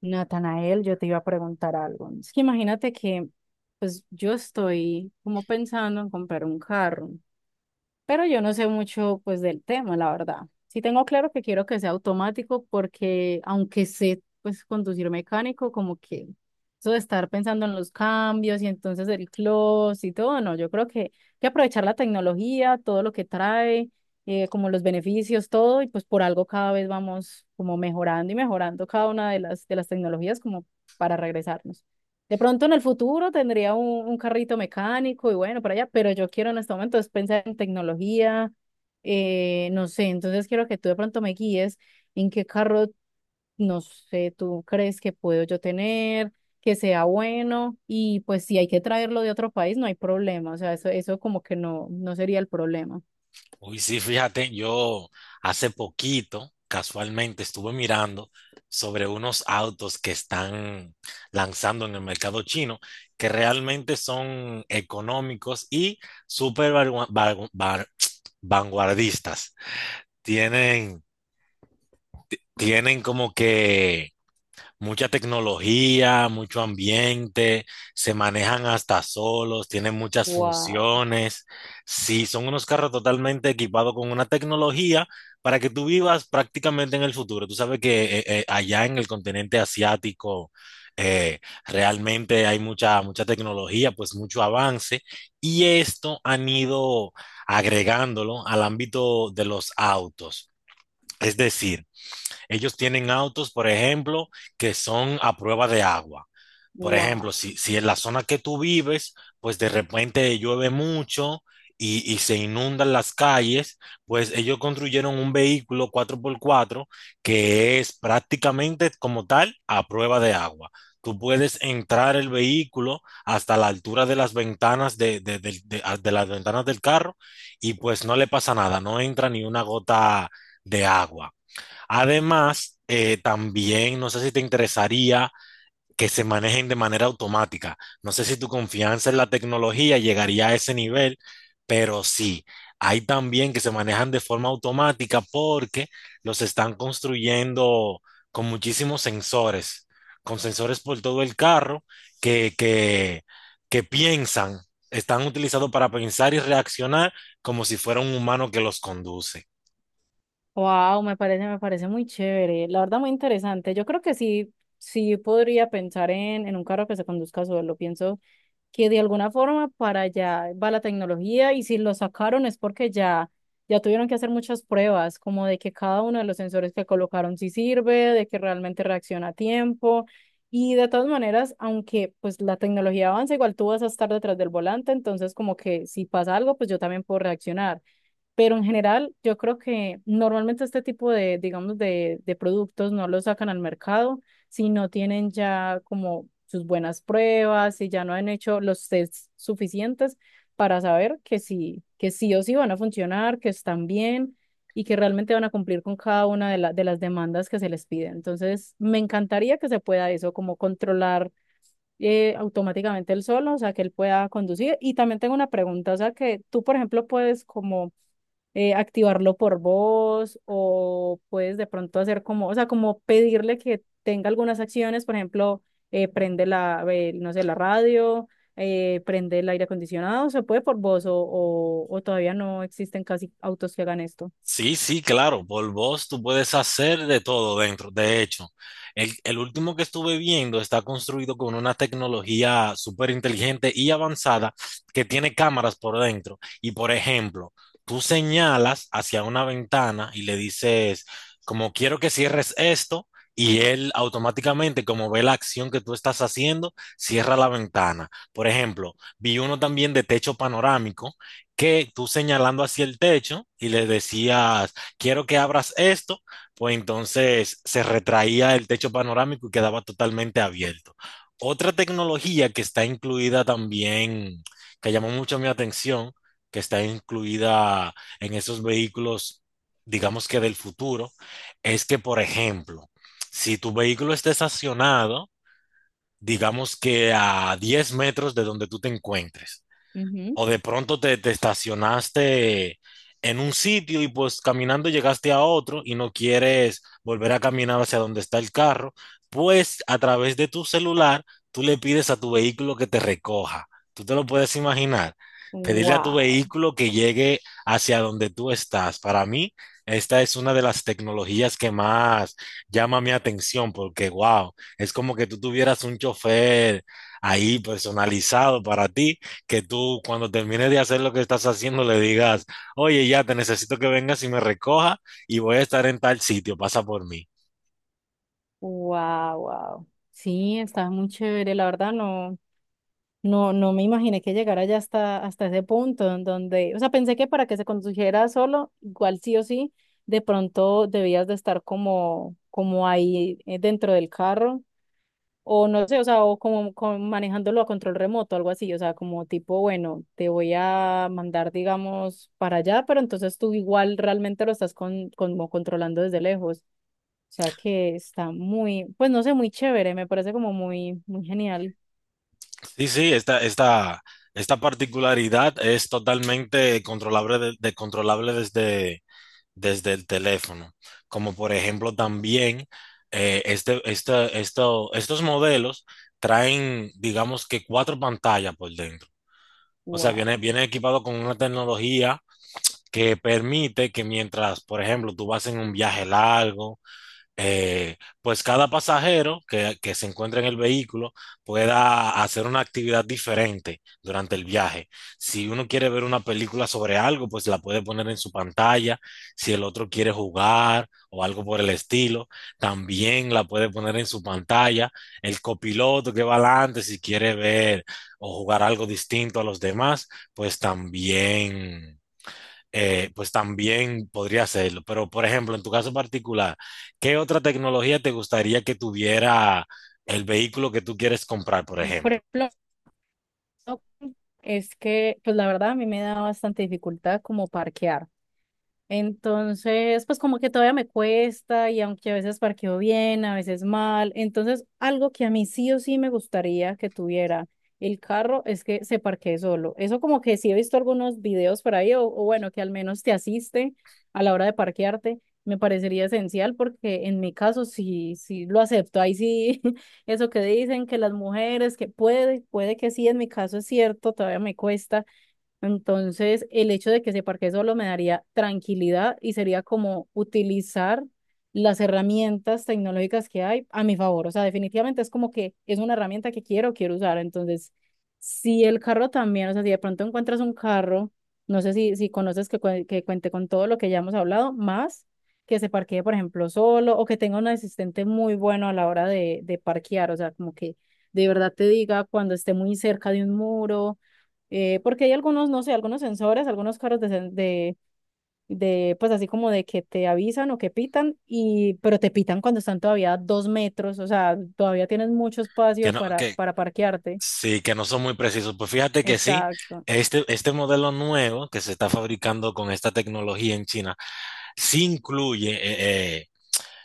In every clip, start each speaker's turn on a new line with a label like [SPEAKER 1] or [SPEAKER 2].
[SPEAKER 1] Natanael, yo te iba a preguntar algo. Es que imagínate que, pues yo estoy como pensando en comprar un carro pero yo no sé mucho pues del tema, la verdad. Sí tengo claro que quiero que sea automático porque aunque sé pues conducir mecánico, como que eso de estar pensando en los cambios y entonces el close y todo, no, yo creo que hay que aprovechar la tecnología, todo lo que trae, como los beneficios, todo, y pues por algo cada vez vamos como mejorando y mejorando cada una de las tecnologías como para regresarnos. De pronto en el futuro tendría un carrito mecánico y bueno, para allá, pero yo quiero en este momento es pensar en tecnología, no sé, entonces quiero que tú de pronto me guíes en qué carro, no sé, tú crees que puedo yo tener, que sea bueno y pues si hay que traerlo de otro país, no hay problema, o sea, eso como que no, no sería el problema.
[SPEAKER 2] Uy, sí, fíjate, yo hace poquito, casualmente, estuve mirando sobre unos autos que están lanzando en el mercado chino, que realmente son económicos y súper vanguardistas. Tienen, tienen como que mucha tecnología, mucho ambiente, se manejan hasta solos, tienen muchas
[SPEAKER 1] Wow,
[SPEAKER 2] funciones. Sí, son unos carros totalmente equipados con una tecnología para que tú vivas prácticamente en el futuro. Tú sabes que allá en el continente asiático, eh, realmente hay mucha tecnología, pues mucho avance, y esto han ido agregándolo al ámbito de los autos. Es decir, ellos tienen autos, por ejemplo, que son a prueba de agua. Por
[SPEAKER 1] wow,
[SPEAKER 2] ejemplo, si en la zona que tú vives, pues de repente llueve mucho y se inundan las calles, pues ellos construyeron un vehículo cuatro por cuatro que es prácticamente como tal a prueba de agua. Tú puedes entrar el vehículo hasta la altura de las ventanas de las ventanas del carro y pues no le pasa nada, no entra ni una gota de agua. Además, también no sé si te interesaría que se manejen de manera automática. No sé si tu confianza en la tecnología llegaría a ese nivel, pero sí, hay también que se manejan de forma automática porque los están construyendo con muchísimos sensores, con sensores por todo el carro que, que, que piensan, están utilizados para pensar y reaccionar como si fuera un humano que los conduce.
[SPEAKER 1] wow, me parece muy chévere, la verdad muy interesante. Yo creo que sí, sí podría pensar en un carro que se conduzca solo, pienso. Que de alguna forma para allá va la tecnología y si lo sacaron es porque ya, ya tuvieron que hacer muchas pruebas, como de que cada uno de los sensores que colocaron sí sirve, de que realmente reacciona a tiempo. Y de todas maneras, aunque pues la tecnología avanza, igual tú vas a estar detrás del volante, entonces como que si pasa algo, pues yo también puedo reaccionar. Pero en general, yo creo que normalmente este tipo de, digamos, de productos no los sacan al mercado si no tienen ya como sus buenas pruebas, si ya no han hecho los tests suficientes para saber que sí o sí van a funcionar, que están bien y que realmente van a cumplir con cada una de, de las demandas que se les pide. Entonces, me encantaría que se pueda eso, como controlar automáticamente él solo, o sea, que él pueda conducir. Y también tengo una pregunta, o sea, que tú, por ejemplo, puedes como activarlo por voz o puedes de pronto hacer como, o sea, como pedirle que tenga algunas acciones, por ejemplo, prende la, no sé, la radio, prende el aire acondicionado, se puede por voz o todavía no existen casi autos que hagan esto.
[SPEAKER 2] Sí, sí, claro, por voz tú puedes hacer de todo dentro. De hecho, el último que estuve viendo está construido con una tecnología súper inteligente y avanzada que tiene cámaras por dentro. Y por ejemplo, tú señalas hacia una ventana y le dices, como quiero que cierres esto, y él automáticamente, como ve la acción que tú estás haciendo, cierra la ventana. Por ejemplo, vi uno también de techo panorámico que tú señalando hacia el techo y le decías, quiero que abras esto, pues entonces se retraía el techo panorámico y quedaba totalmente abierto. Otra tecnología que está incluida también, que llamó mucho mi atención, que está incluida en esos vehículos, digamos que del futuro, es que, por ejemplo, si tu vehículo está estacionado, digamos que a 10 metros de donde tú te encuentres,
[SPEAKER 1] Ujú.
[SPEAKER 2] o de pronto te estacionaste en un sitio y pues caminando llegaste a otro y no quieres volver a caminar hacia donde está el carro, pues a través de tu celular tú le pides a tu vehículo que te recoja. Tú te lo puedes imaginar. Pedirle a tu
[SPEAKER 1] Wow,
[SPEAKER 2] vehículo que llegue hacia donde tú estás. Para mí, esta es una de las tecnologías que más llama mi atención porque, wow, es como que tú tuvieras un chofer ahí personalizado para ti que tú cuando termines de hacer lo que estás haciendo le digas, oye, ya te necesito que vengas y me recoja y voy a estar en tal sitio, pasa por mí.
[SPEAKER 1] wow, wow. Sí, está muy chévere, la verdad no. No, no me imaginé que llegara ya hasta, hasta ese punto en donde, o sea, pensé que para que se condujera solo, igual sí o sí, de pronto debías de estar como, como ahí dentro del carro, o no sé, o sea, o como, como manejándolo a control remoto, algo así, o sea, como tipo, bueno, te voy a mandar, digamos, para allá, pero entonces tú igual realmente lo estás con, como controlando desde lejos. O sea que está muy, pues no sé, muy chévere, me parece como muy, muy genial.
[SPEAKER 2] Sí, sí, esta particularidad es totalmente controlable, controlable desde, desde el teléfono. Como por ejemplo también estos modelos traen, digamos que 4 pantallas por dentro. O sea,
[SPEAKER 1] Wow.
[SPEAKER 2] viene equipado con una tecnología que permite que mientras, por ejemplo, tú vas en un viaje largo, pues cada pasajero que se encuentra en el vehículo pueda hacer una actividad diferente durante el viaje. Si uno quiere ver una película sobre algo, pues la puede poner en su pantalla. Si el otro quiere jugar o algo por el estilo, también la puede poner en su pantalla. El copiloto que va adelante, si quiere ver o jugar algo distinto a los demás, pues también podría hacerlo. Pero, por ejemplo, en tu caso particular, ¿qué otra tecnología te gustaría que tuviera el vehículo que tú quieres comprar, por
[SPEAKER 1] Por
[SPEAKER 2] ejemplo?
[SPEAKER 1] ejemplo, ok. Es que, pues la verdad, a mí me da bastante dificultad como parquear. Entonces, pues como que todavía me cuesta y aunque a veces parqueo bien, a veces mal. Entonces, algo que a mí sí o sí me gustaría que tuviera el carro es que se parquee solo. Eso como que sí he visto algunos videos por ahí o bueno, que al menos te asiste a la hora de parquearte. Me parecería esencial porque en mi caso sí, sí lo acepto. Ahí sí, eso que dicen que las mujeres, que puede, puede que sí, en mi caso es cierto, todavía me cuesta entonces, el hecho de que se parquee solo me daría tranquilidad y sería como utilizar las herramientas tecnológicas que hay a mi favor. O sea, definitivamente es como que es una herramienta que quiero, quiero usar. Entonces, si el carro también, o sea, si de pronto encuentras un carro, no sé si, si conoces que, que cuente con todo lo que ya hemos hablado, más que se parquee, por ejemplo, solo o que tenga un asistente muy bueno a la hora de parquear. O sea, como que de verdad te diga cuando esté muy cerca de un muro porque hay algunos, no sé, algunos sensores, algunos carros de, de, pues así como de que te avisan o que pitan, y, pero te pitan cuando están todavía a 2 metros, o sea, todavía tienes mucho
[SPEAKER 2] Que
[SPEAKER 1] espacio
[SPEAKER 2] no, que
[SPEAKER 1] para parquearte.
[SPEAKER 2] sí, que no son muy precisos. Pues fíjate que sí,
[SPEAKER 1] Exacto.
[SPEAKER 2] este modelo nuevo que se está fabricando con esta tecnología en China, sí incluye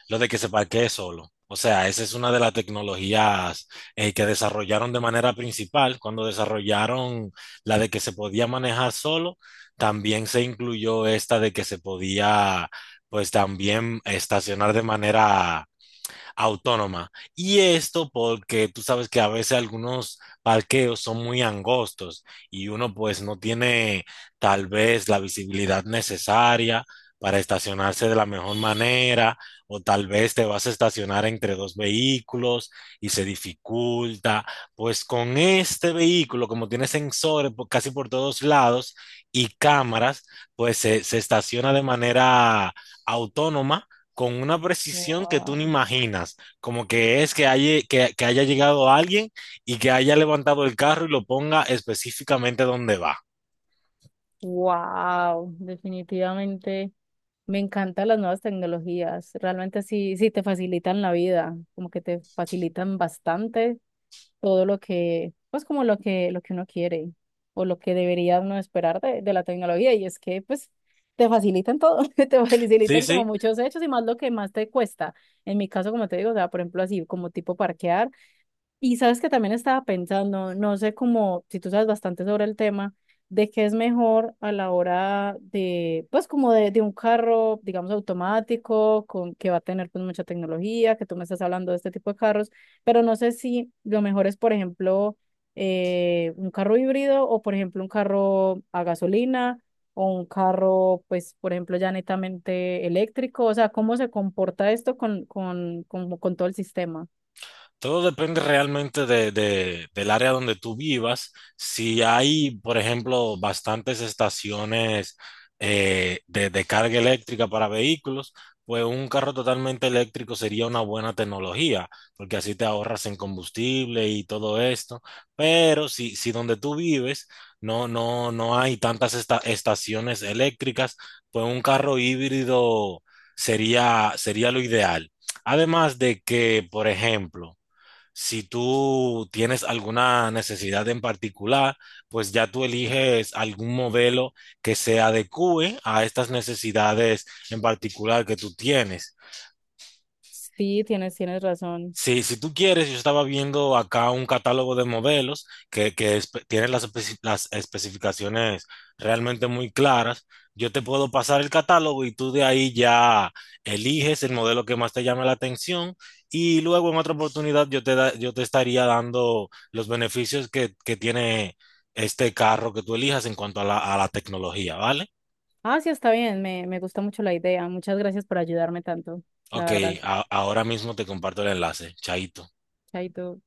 [SPEAKER 2] lo de que se parquee solo. O sea, esa es una de las tecnologías que desarrollaron de manera principal. Cuando desarrollaron la de que se podía manejar solo, también se incluyó esta de que se podía, pues también estacionar de manera autónoma. Y esto porque tú sabes que a veces algunos parqueos son muy angostos y uno pues no tiene tal vez la visibilidad necesaria para estacionarse de la mejor manera o tal vez te vas a estacionar entre dos vehículos y se dificulta. Pues con este vehículo, como tiene sensores casi por todos lados y cámaras, pues se estaciona de manera autónoma con una precisión que tú ni
[SPEAKER 1] Wow.
[SPEAKER 2] imaginas, como que es que haya, que haya llegado alguien y que haya levantado el carro y lo ponga específicamente donde va.
[SPEAKER 1] Wow. Definitivamente me encantan las nuevas tecnologías. Realmente sí, sí te facilitan la vida, como que te facilitan bastante todo lo que, pues como lo que uno quiere o lo que debería uno esperar de la tecnología. Y es que, pues, te facilitan todo, te
[SPEAKER 2] Sí,
[SPEAKER 1] facilitan como
[SPEAKER 2] sí.
[SPEAKER 1] muchos hechos y más lo que más te cuesta. En mi caso, como te digo, o sea, por ejemplo, así como tipo parquear. Y sabes que también estaba pensando, no sé cómo, si tú sabes bastante sobre el tema, de qué es mejor a la hora de, pues como de un carro, digamos, automático, con, que va a tener pues mucha tecnología, que tú me estás hablando de este tipo de carros, pero no sé si lo mejor es, por ejemplo, un carro híbrido o, por ejemplo, un carro a gasolina o un carro, pues, por ejemplo, ya netamente eléctrico, o sea, cómo se comporta esto con todo el sistema.
[SPEAKER 2] Todo depende realmente del área donde tú vivas. Si hay, por ejemplo, bastantes estaciones de carga eléctrica para vehículos, pues un carro totalmente eléctrico sería una buena tecnología, porque así te ahorras en combustible y todo esto. Pero si donde tú vives no hay tantas estaciones eléctricas, pues un carro híbrido sería lo ideal. Además de que, por ejemplo, si tú tienes alguna necesidad en particular, pues ya tú eliges algún modelo que se adecue a estas necesidades en particular que tú tienes.
[SPEAKER 1] Sí, tienes, tienes razón.
[SPEAKER 2] Sí, si tú quieres, yo estaba viendo acá un catálogo de modelos tienen las, las especificaciones realmente muy claras. Yo te puedo pasar el catálogo y tú de ahí ya eliges el modelo que más te llame la atención y luego en otra oportunidad yo te estaría dando los beneficios que tiene este carro que tú elijas en cuanto a a la tecnología, ¿vale?
[SPEAKER 1] Ah, sí, está bien, me gusta mucho la idea. Muchas gracias por ayudarme tanto, la
[SPEAKER 2] Ok,
[SPEAKER 1] verdad.
[SPEAKER 2] ahora mismo te comparto el enlace. Chaito.
[SPEAKER 1] Chaito.